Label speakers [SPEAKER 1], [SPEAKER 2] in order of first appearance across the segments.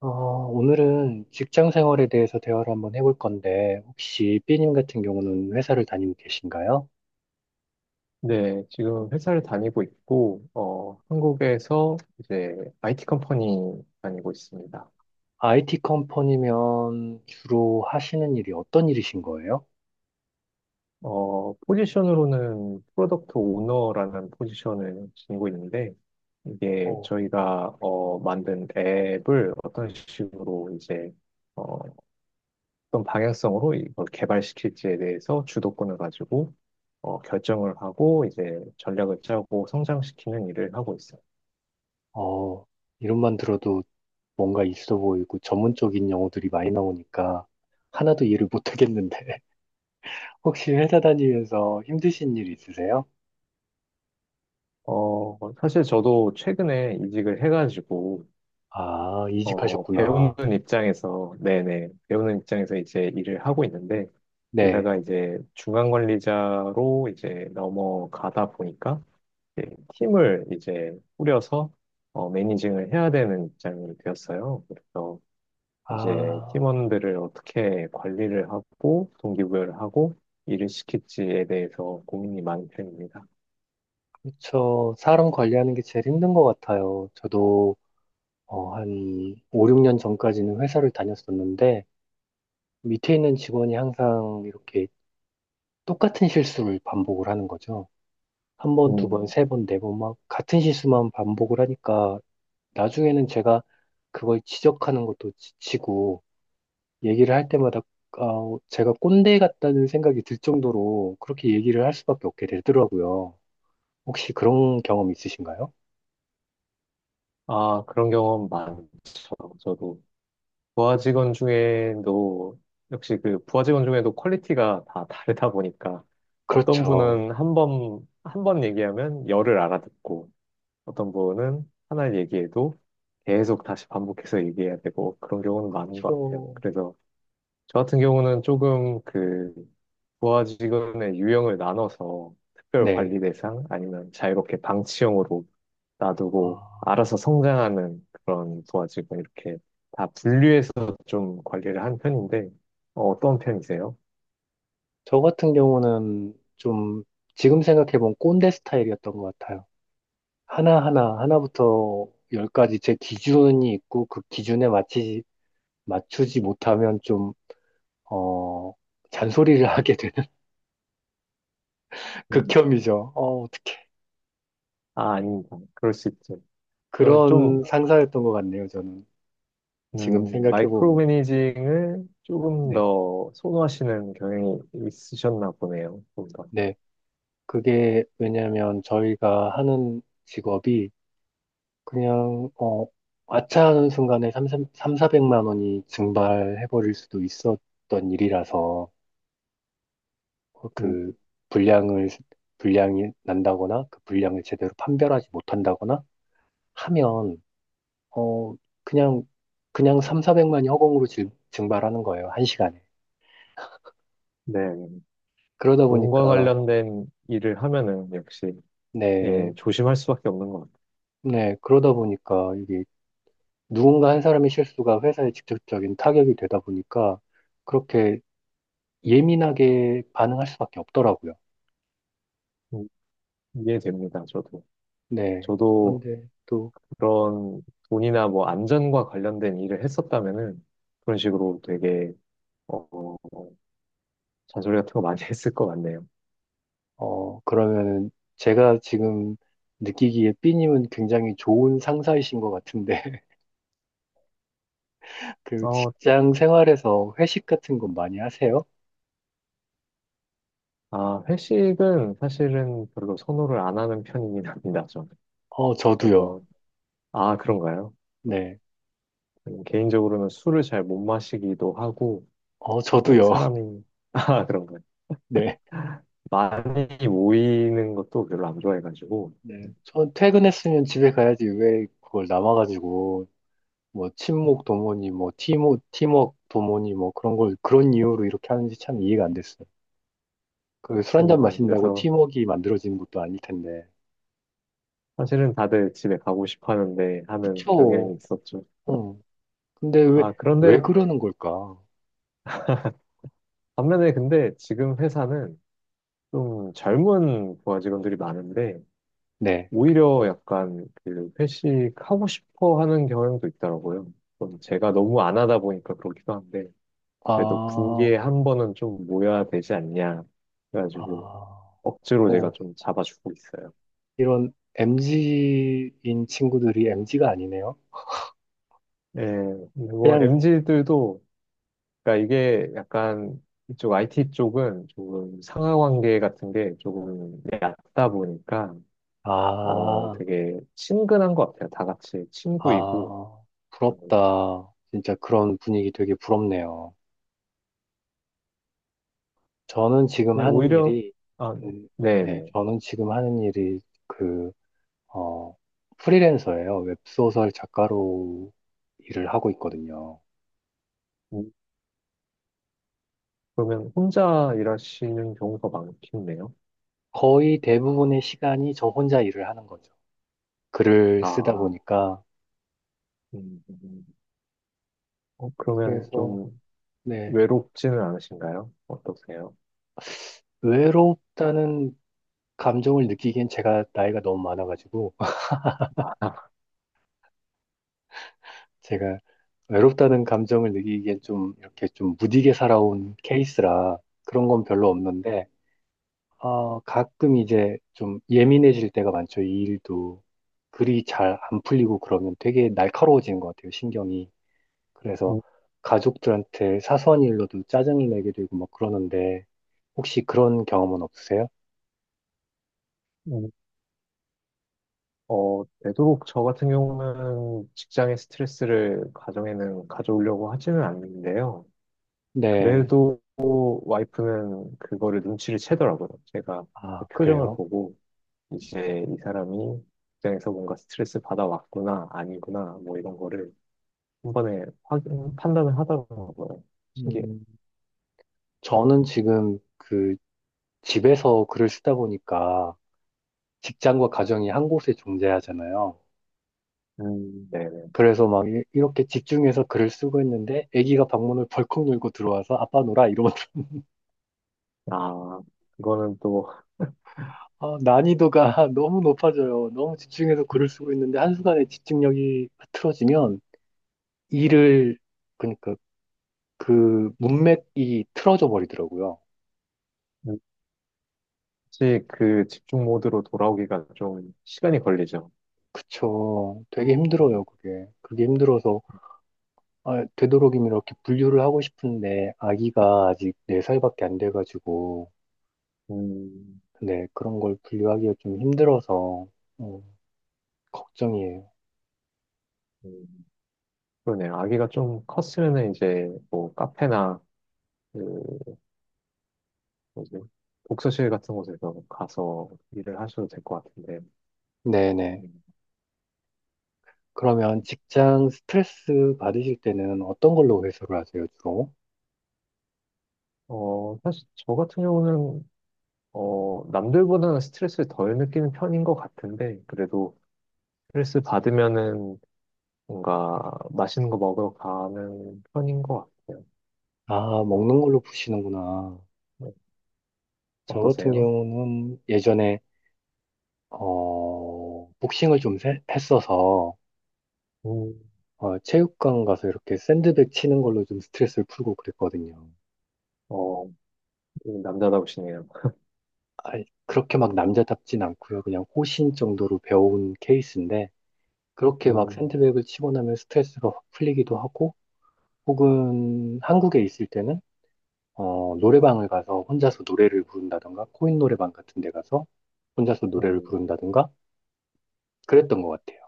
[SPEAKER 1] 오늘은 직장 생활에 대해서 대화를 한번 해볼 건데, 혹시 B님 같은 경우는 회사를 다니고 계신가요?
[SPEAKER 2] 네, 지금 회사를 다니고 있고, 한국에서 이제 IT 컴퍼니 다니고 있습니다.
[SPEAKER 1] IT 컴퍼니면 주로 하시는 일이 어떤 일이신 거예요?
[SPEAKER 2] 포지션으로는 프로덕트 오너라는 포지션을 지니고 있는데, 이게
[SPEAKER 1] 어,
[SPEAKER 2] 저희가 만든 앱을 어떤 식으로 이제 어, 떤 방향성으로 이걸 개발시킬지에 대해서 주도권을 가지고 결정을 하고 이제 전략을 짜고 성장시키는 일을 하고 있습니다.
[SPEAKER 1] 어, 이름만 들어도 뭔가 있어 보이고 전문적인 용어들이 많이 나오니까 하나도 이해를 못하겠는데, 혹시 회사 다니면서 힘드신 일 있으세요?
[SPEAKER 2] 사실 저도 최근에 이직을 해가지고,
[SPEAKER 1] 아, 이직하셨구나.
[SPEAKER 2] 배우는 입장에서, 네네, 배우는 입장에서 이제 일을 하고 있는데,
[SPEAKER 1] 네.
[SPEAKER 2] 게다가 이제 중간 관리자로 이제 넘어가다 보니까, 이제 팀을 이제 꾸려서, 매니징을 해야 되는 입장이 되었어요. 그래서 이제
[SPEAKER 1] 아,
[SPEAKER 2] 팀원들을 어떻게 관리를 하고, 동기부여를 하고, 일을 시킬지에 대해서 고민이 많은 편입니다.
[SPEAKER 1] 그쵸. 사람 관리하는 게 제일 힘든 것 같아요. 저도 한 5, 6년 전까지는 회사를 다녔었는데 밑에 있는 직원이 항상 이렇게 똑같은 실수를 반복을 하는 거죠. 한 번, 두 번,
[SPEAKER 2] 음.
[SPEAKER 1] 세 번, 네 번 막 같은 실수만 반복을 하니까 나중에는 제가 그걸 지적하는 것도 지치고 얘기를 할 때마다 제가 꼰대 같다는 생각이 들 정도로 그렇게 얘기를 할 수밖에 없게 되더라고요. 혹시 그런 경험 있으신가요?
[SPEAKER 2] 아, 그런 경험 많죠. 저도 부하 직원 중에도 역시 그 부하 직원 중에도 퀄리티가 다 다르다 보니까 어떤
[SPEAKER 1] 그렇죠.
[SPEAKER 2] 분은 한번 얘기하면 열을 알아듣고 어떤 분은 하나를 얘기해도 계속 다시 반복해서 얘기해야 되고 그런 경우는 많은
[SPEAKER 1] 저,
[SPEAKER 2] 것 같아요. 그래서 저 같은 경우는 조금 그 부하 직원의 유형을 나눠서 특별
[SPEAKER 1] 네.
[SPEAKER 2] 관리 대상 아니면 자유롭게 방치형으로 놔두고
[SPEAKER 1] 아.
[SPEAKER 2] 알아서 성장하는 그런 도화지가 이렇게 다 분류해서 좀 관리를 한 편인데 어, 떤 편이세요?
[SPEAKER 1] 저 같은 경우는 좀 지금 생각해보면 꼰대 스타일이었던 것 같아요. 하나하나, 하나부터 열까지 제 기준이 있고 그 기준에 맞추지, 맞추지 못하면 좀, 어, 잔소리를 하게 되는
[SPEAKER 2] 음.
[SPEAKER 1] 극혐이죠. 어떡해.
[SPEAKER 2] 아, 아닙니다. 그럴 수 있죠. 좀
[SPEAKER 1] 그런 상사였던 것 같네요, 저는. 지금
[SPEAKER 2] 마이크로
[SPEAKER 1] 생각해보면.
[SPEAKER 2] 매니징을 조금
[SPEAKER 1] 네.
[SPEAKER 2] 더 선호하시는 경향이 있으셨나 보네요. 좀 더.
[SPEAKER 1] 네. 그게 왜냐면 저희가 하는 직업이 그냥, 아차하는 순간에 3, 삼 400만 원이 증발해버릴 수도 있었던 일이라서, 어,
[SPEAKER 2] 음,
[SPEAKER 1] 그, 불량을, 불량이 난다거나, 그 불량을 제대로 판별하지 못한다거나 하면, 어, 그냥, 그냥 3, 400만이 허공으로 증발하는 거예요. 한 시간에.
[SPEAKER 2] 네,
[SPEAKER 1] 그러다 보니까,
[SPEAKER 2] 몸과 관련된 일을 하면은 역시
[SPEAKER 1] 네,
[SPEAKER 2] 예, 조심할 수밖에 없는 것 같아요.
[SPEAKER 1] 네, 그러다 보니까, 이게, 누군가 한 사람의 실수가 회사에 직접적인 타격이 되다 보니까, 그렇게 예민하게 반응할 수밖에 없더라고요.
[SPEAKER 2] 음, 이해됩니다. 저도
[SPEAKER 1] 네.
[SPEAKER 2] 저도
[SPEAKER 1] 그런데 또,
[SPEAKER 2] 그런 돈이나 뭐 안전과 관련된 일을 했었다면은 그런 식으로 되게 어, 잔소리 같은 거 많이 했을 것 같네요.
[SPEAKER 1] 그러면은 제가 지금 느끼기에 B님은 굉장히 좋은 상사이신 것 같은데, 그
[SPEAKER 2] 어,
[SPEAKER 1] 직장 생활에서 회식 같은 거 많이 하세요?
[SPEAKER 2] 회식은 사실은 별로 선호를 안 하는 편이긴 합니다, 저는.
[SPEAKER 1] 저도요.
[SPEAKER 2] 그래서, 아, 그런가요?
[SPEAKER 1] 네.
[SPEAKER 2] 개인적으로는 술을 잘 못 마시기도 하고, 그리고
[SPEAKER 1] 저도요.
[SPEAKER 2] 사람이, 아, 그런가요?
[SPEAKER 1] 네.
[SPEAKER 2] 많이 모이는 것도 별로 안 좋아해가지고,
[SPEAKER 1] 네. 전 퇴근했으면 집에 가야지 왜 그걸 남아가지고, 뭐, 친목 도모니, 뭐, 팀워크 도모니, 뭐, 그런 걸, 그런 이유로 이렇게 하는지 참 이해가 안 됐어요. 그 술 한잔
[SPEAKER 2] 그렇습니다.
[SPEAKER 1] 마신다고
[SPEAKER 2] 그래서
[SPEAKER 1] 팀워크가 만들어지는 것도 아닐 텐데.
[SPEAKER 2] 사실은 다들 집에 가고 싶어 하는데 하는 경향이
[SPEAKER 1] 그쵸.
[SPEAKER 2] 있었죠.
[SPEAKER 1] 응. 근데
[SPEAKER 2] 아,
[SPEAKER 1] 왜
[SPEAKER 2] 그런데
[SPEAKER 1] 그러는 걸까?
[SPEAKER 2] 반면에 근데 지금 회사는 좀 젊은 부하 직원들이 많은데
[SPEAKER 1] 네.
[SPEAKER 2] 오히려 약간 그 회식하고 싶어 하는 경향도 있더라고요. 그건 제가 너무 안 하다 보니까 그렇기도 한데 그래도
[SPEAKER 1] 아,
[SPEAKER 2] 분기에 한 번은 좀 모여야 되지 않냐
[SPEAKER 1] 아,
[SPEAKER 2] 그래가지고 억지로 제가
[SPEAKER 1] 어,
[SPEAKER 2] 좀 잡아주고 있어요.
[SPEAKER 1] 이런 m 지인 친구들이 m 지가 아니네요.
[SPEAKER 2] 네, 근데 뭐
[SPEAKER 1] 그냥,
[SPEAKER 2] MZ들도 그러니까 이게 약간 이쪽 IT 쪽은 조금 상하 관계 같은 게 조금 얕다 보니까
[SPEAKER 1] 아,
[SPEAKER 2] 되게 친근한 것 같아요. 다 같이 친구이고.
[SPEAKER 1] 아,
[SPEAKER 2] 음,
[SPEAKER 1] 부럽다. 진짜 그런 분위기 되게 부럽네요. 저는 지금
[SPEAKER 2] 근데
[SPEAKER 1] 하는
[SPEAKER 2] 오히려,
[SPEAKER 1] 일이,
[SPEAKER 2] 아,
[SPEAKER 1] 음,
[SPEAKER 2] 네,
[SPEAKER 1] 네,
[SPEAKER 2] 네.
[SPEAKER 1] 저는 지금 하는 일이 그, 어, 프리랜서예요. 웹소설 작가로 일을 하고 있거든요.
[SPEAKER 2] 음, 그러면 혼자 일하시는 경우가 많겠네요.
[SPEAKER 1] 거의 대부분의 시간이 저 혼자 일을 하는 거죠. 글을 쓰다
[SPEAKER 2] 아,
[SPEAKER 1] 보니까.
[SPEAKER 2] 음, 음. 그러면
[SPEAKER 1] 그래서,
[SPEAKER 2] 좀
[SPEAKER 1] 네.
[SPEAKER 2] 외롭지는 않으신가요? 어떠세요?
[SPEAKER 1] 외롭다는 감정을 느끼기엔 제가 나이가 너무 많아가지고. 제가 외롭다는 감정을 느끼기엔 좀 이렇게 좀 무디게 살아온 케이스라 그런 건 별로 없는데, 가끔 이제 좀 예민해질 때가 많죠. 이 일도 글이 잘 안 풀리고 그러면 되게 날카로워지는 것 같아요, 신경이. 그래서
[SPEAKER 2] 음,
[SPEAKER 1] 가족들한테 사소한 일로도 짜증을 내게 되고 막 그러는데, 혹시 그런 경험은 없으세요?
[SPEAKER 2] 음. 되도록 저 같은 경우는 직장의 스트레스를 가정에는 가져오려고 하지는 않는데요.
[SPEAKER 1] 네.
[SPEAKER 2] 그래도 와이프는 그거를 눈치를 채더라고요. 제가
[SPEAKER 1] 아,
[SPEAKER 2] 표정을
[SPEAKER 1] 그래요?
[SPEAKER 2] 보고. 이제 이 사람이 직장에서 뭔가 스트레스 받아왔구나, 아니구나, 뭐 이런 거를 한 번에 확인, 판단을 하더라고요. 신기해요.
[SPEAKER 1] 네. 저는 지금 그 집에서 글을 쓰다 보니까 직장과 가정이 한 곳에 존재하잖아요.
[SPEAKER 2] 네네.
[SPEAKER 1] 그래서 막 이렇게 집중해서 글을 쓰고 있는데 아기가 방문을 벌컥 열고 들어와서 아빠 놀아 이러면
[SPEAKER 2] 아, 그거는 또,
[SPEAKER 1] 아, 난이도가 너무 높아져요. 너무 집중해서 글을 쓰고 있는데 한순간에 집중력이 흐트러지면 일을 그러니까 그 문맥이 틀어져 버리더라고요.
[SPEAKER 2] 혹시 그 집중 모드로 돌아오기가 좀 시간이 걸리죠.
[SPEAKER 1] 그쵸. 되게
[SPEAKER 2] 음,
[SPEAKER 1] 힘들어요, 그게. 그게 힘들어서 되도록이면 이렇게 분류를 하고 싶은데 아기가 아직 4살밖에 안 돼가지고,
[SPEAKER 2] 음,
[SPEAKER 1] 근데 그런 걸 분류하기가 좀 힘들어서, 음, 걱정이에요.
[SPEAKER 2] 음, 그러네요. 아기가 좀 컸으면은 이제 뭐 카페나 그 뭐지? 독서실 같은 곳에서 가서 일을 하셔도 될 것 같은데.
[SPEAKER 1] 네네.
[SPEAKER 2] 음.
[SPEAKER 1] 그러면 직장 스트레스 받으실 때는 어떤 걸로 해소를 하세요, 주로?
[SPEAKER 2] 사실 저 같은 경우는 남들보다는 스트레스를 덜 느끼는 편인 것 같은데, 그래도 스트레스 받으면은 뭔가 맛있는 거 먹으러 가는 편인 것 같아요.
[SPEAKER 1] 아,
[SPEAKER 2] 음,
[SPEAKER 1] 먹는 걸로 푸시는구나.
[SPEAKER 2] 음,
[SPEAKER 1] 저 같은
[SPEAKER 2] 어떠세요?
[SPEAKER 1] 경우는 예전에 복싱을 좀 했어서
[SPEAKER 2] 음,
[SPEAKER 1] 체육관 가서 이렇게 샌드백 치는 걸로 좀 스트레스를 풀고 그랬거든요.
[SPEAKER 2] 어, 남자답시네요.
[SPEAKER 1] 아니, 그렇게 막 남자답진 않고요. 그냥 호신 정도로 배워온 케이스인데 그렇게 막
[SPEAKER 2] 음,
[SPEAKER 1] 샌드백을 치고 나면 스트레스가 확 풀리기도 하고 혹은 한국에 있을 때는 노래방을 가서 혼자서 노래를 부른다던가 코인 노래방 같은 데 가서 혼자서 노래를
[SPEAKER 2] 음,
[SPEAKER 1] 부른다던가 그랬던 것 같아요.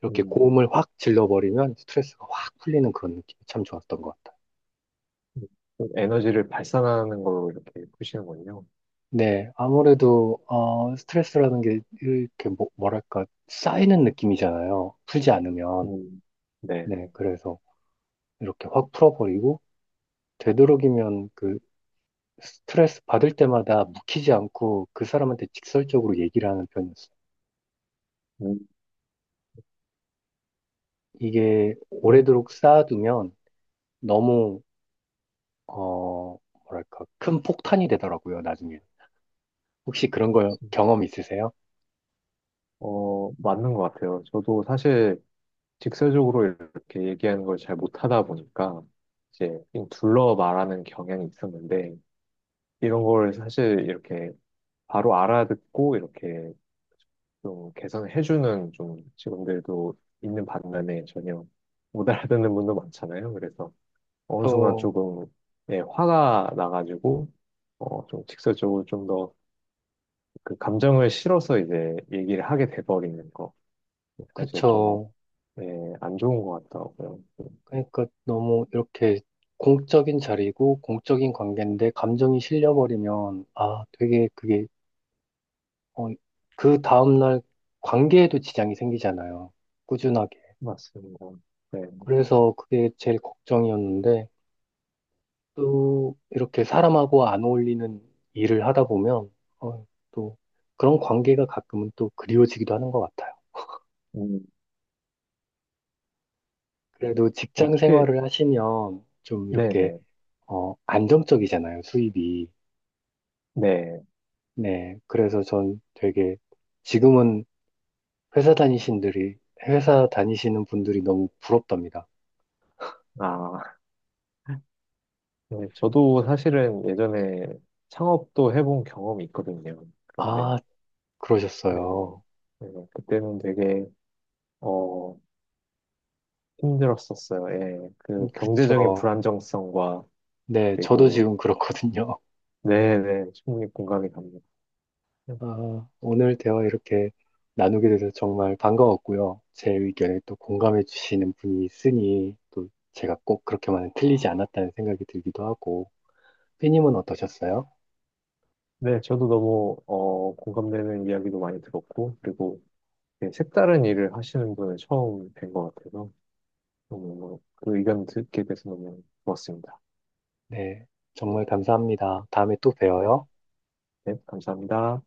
[SPEAKER 1] 이렇게
[SPEAKER 2] 음,
[SPEAKER 1] 고음을 확 질러버리면 스트레스가 확 풀리는 그런 느낌이 참 좋았던 것 같아요.
[SPEAKER 2] 음. 좀 에너지를 발산하는 걸로 이렇게 푸시는군요.
[SPEAKER 1] 네, 아무래도 스트레스라는 게 이렇게 뭐, 뭐랄까 쌓이는 느낌이잖아요, 풀지 않으면.
[SPEAKER 2] 음, 네. 네.
[SPEAKER 1] 네, 그래서 이렇게 확 풀어버리고, 되도록이면 그 스트레스 받을 때마다 묵히지 않고 그 사람한테 직설적으로 얘기를 하는 편이었어요.
[SPEAKER 2] 음,
[SPEAKER 1] 이게
[SPEAKER 2] 좀,
[SPEAKER 1] 오래도록 쌓아두면 너무, 어, 뭐랄까, 큰 폭탄이 되더라고요, 나중에. 혹시 그런
[SPEAKER 2] 음,
[SPEAKER 1] 거 경험 있으세요?
[SPEAKER 2] 맞는 것 같아요. 저도 사실 직설적으로 이렇게 얘기하는 걸 잘 못하다 보니까 이제 그냥 둘러 말하는 경향이 있었는데 이런 걸 사실 이렇게 바로 알아듣고 이렇게 좀 개선해주는 좀 직원들도 있는 반면에 전혀 못 알아듣는 분도 많잖아요. 그래서 어느 순간
[SPEAKER 1] 어,
[SPEAKER 2] 조금 예, 화가 나가지고 좀 직설적으로 좀 더 그 감정을 실어서 이제 얘기를 하게 돼버리는 거 사실 좀
[SPEAKER 1] 그쵸.
[SPEAKER 2] 예, 안 좋은 것 같더라고요.
[SPEAKER 1] 그러니까 너무 이렇게 공적인 자리고 공적인 관계인데 감정이 실려버리면, 아, 되게 그게, 어, 그 다음날 관계에도 지장이 생기잖아요, 꾸준하게.
[SPEAKER 2] 맞습니다. 네.
[SPEAKER 1] 그래서 그게 제일 걱정이었는데, 또 이렇게 사람하고 안 어울리는 일을 하다 보면, 어, 또 그런 관계가 가끔은 또 그리워지기도 하는 것 같아요.
[SPEAKER 2] 음,
[SPEAKER 1] 그래도 직장
[SPEAKER 2] 어떻게,
[SPEAKER 1] 생활을 하시면 좀 이렇게,
[SPEAKER 2] 네네,
[SPEAKER 1] 안정적이잖아요, 수입이.
[SPEAKER 2] 네.
[SPEAKER 1] 네. 그래서 전 되게 지금은 회사 다니신들이, 회사 다니시는 분들이 너무 부럽답니다.
[SPEAKER 2] 아, 네. 저도 사실은 예전에 창업도 해본 경험이 있거든요. 그런데,
[SPEAKER 1] 아,
[SPEAKER 2] 네,
[SPEAKER 1] 그러셨어요.
[SPEAKER 2] 네. 그때는 되게, 어, 힘들었었어요. 예. 그 경제적인
[SPEAKER 1] 그쵸.
[SPEAKER 2] 불안정성과,
[SPEAKER 1] 네, 저도
[SPEAKER 2] 그리고,
[SPEAKER 1] 지금 그렇거든요.
[SPEAKER 2] 네네, 충분히 공감이 갑니다.
[SPEAKER 1] 아, 오늘 대화 이렇게 나누게 돼서 정말 반가웠고요. 제 의견에 또 공감해 주시는 분이 있으니 또 제가 꼭 그렇게만은 틀리지 않았다는 생각이 들기도 하고. 삐님은 어떠셨어요?
[SPEAKER 2] 네, 저도 너무, 공감되는 이야기도 많이 들었고, 그리고, 네, 색다른 일을 하시는 분을 처음 뵌 것 같아서, 너무, 그 의견 듣게 돼서 너무 좋았습니다.
[SPEAKER 1] 네, 정말 감사합니다. 다음에 또
[SPEAKER 2] 네.
[SPEAKER 1] 봬요.
[SPEAKER 2] 네, 감사합니다.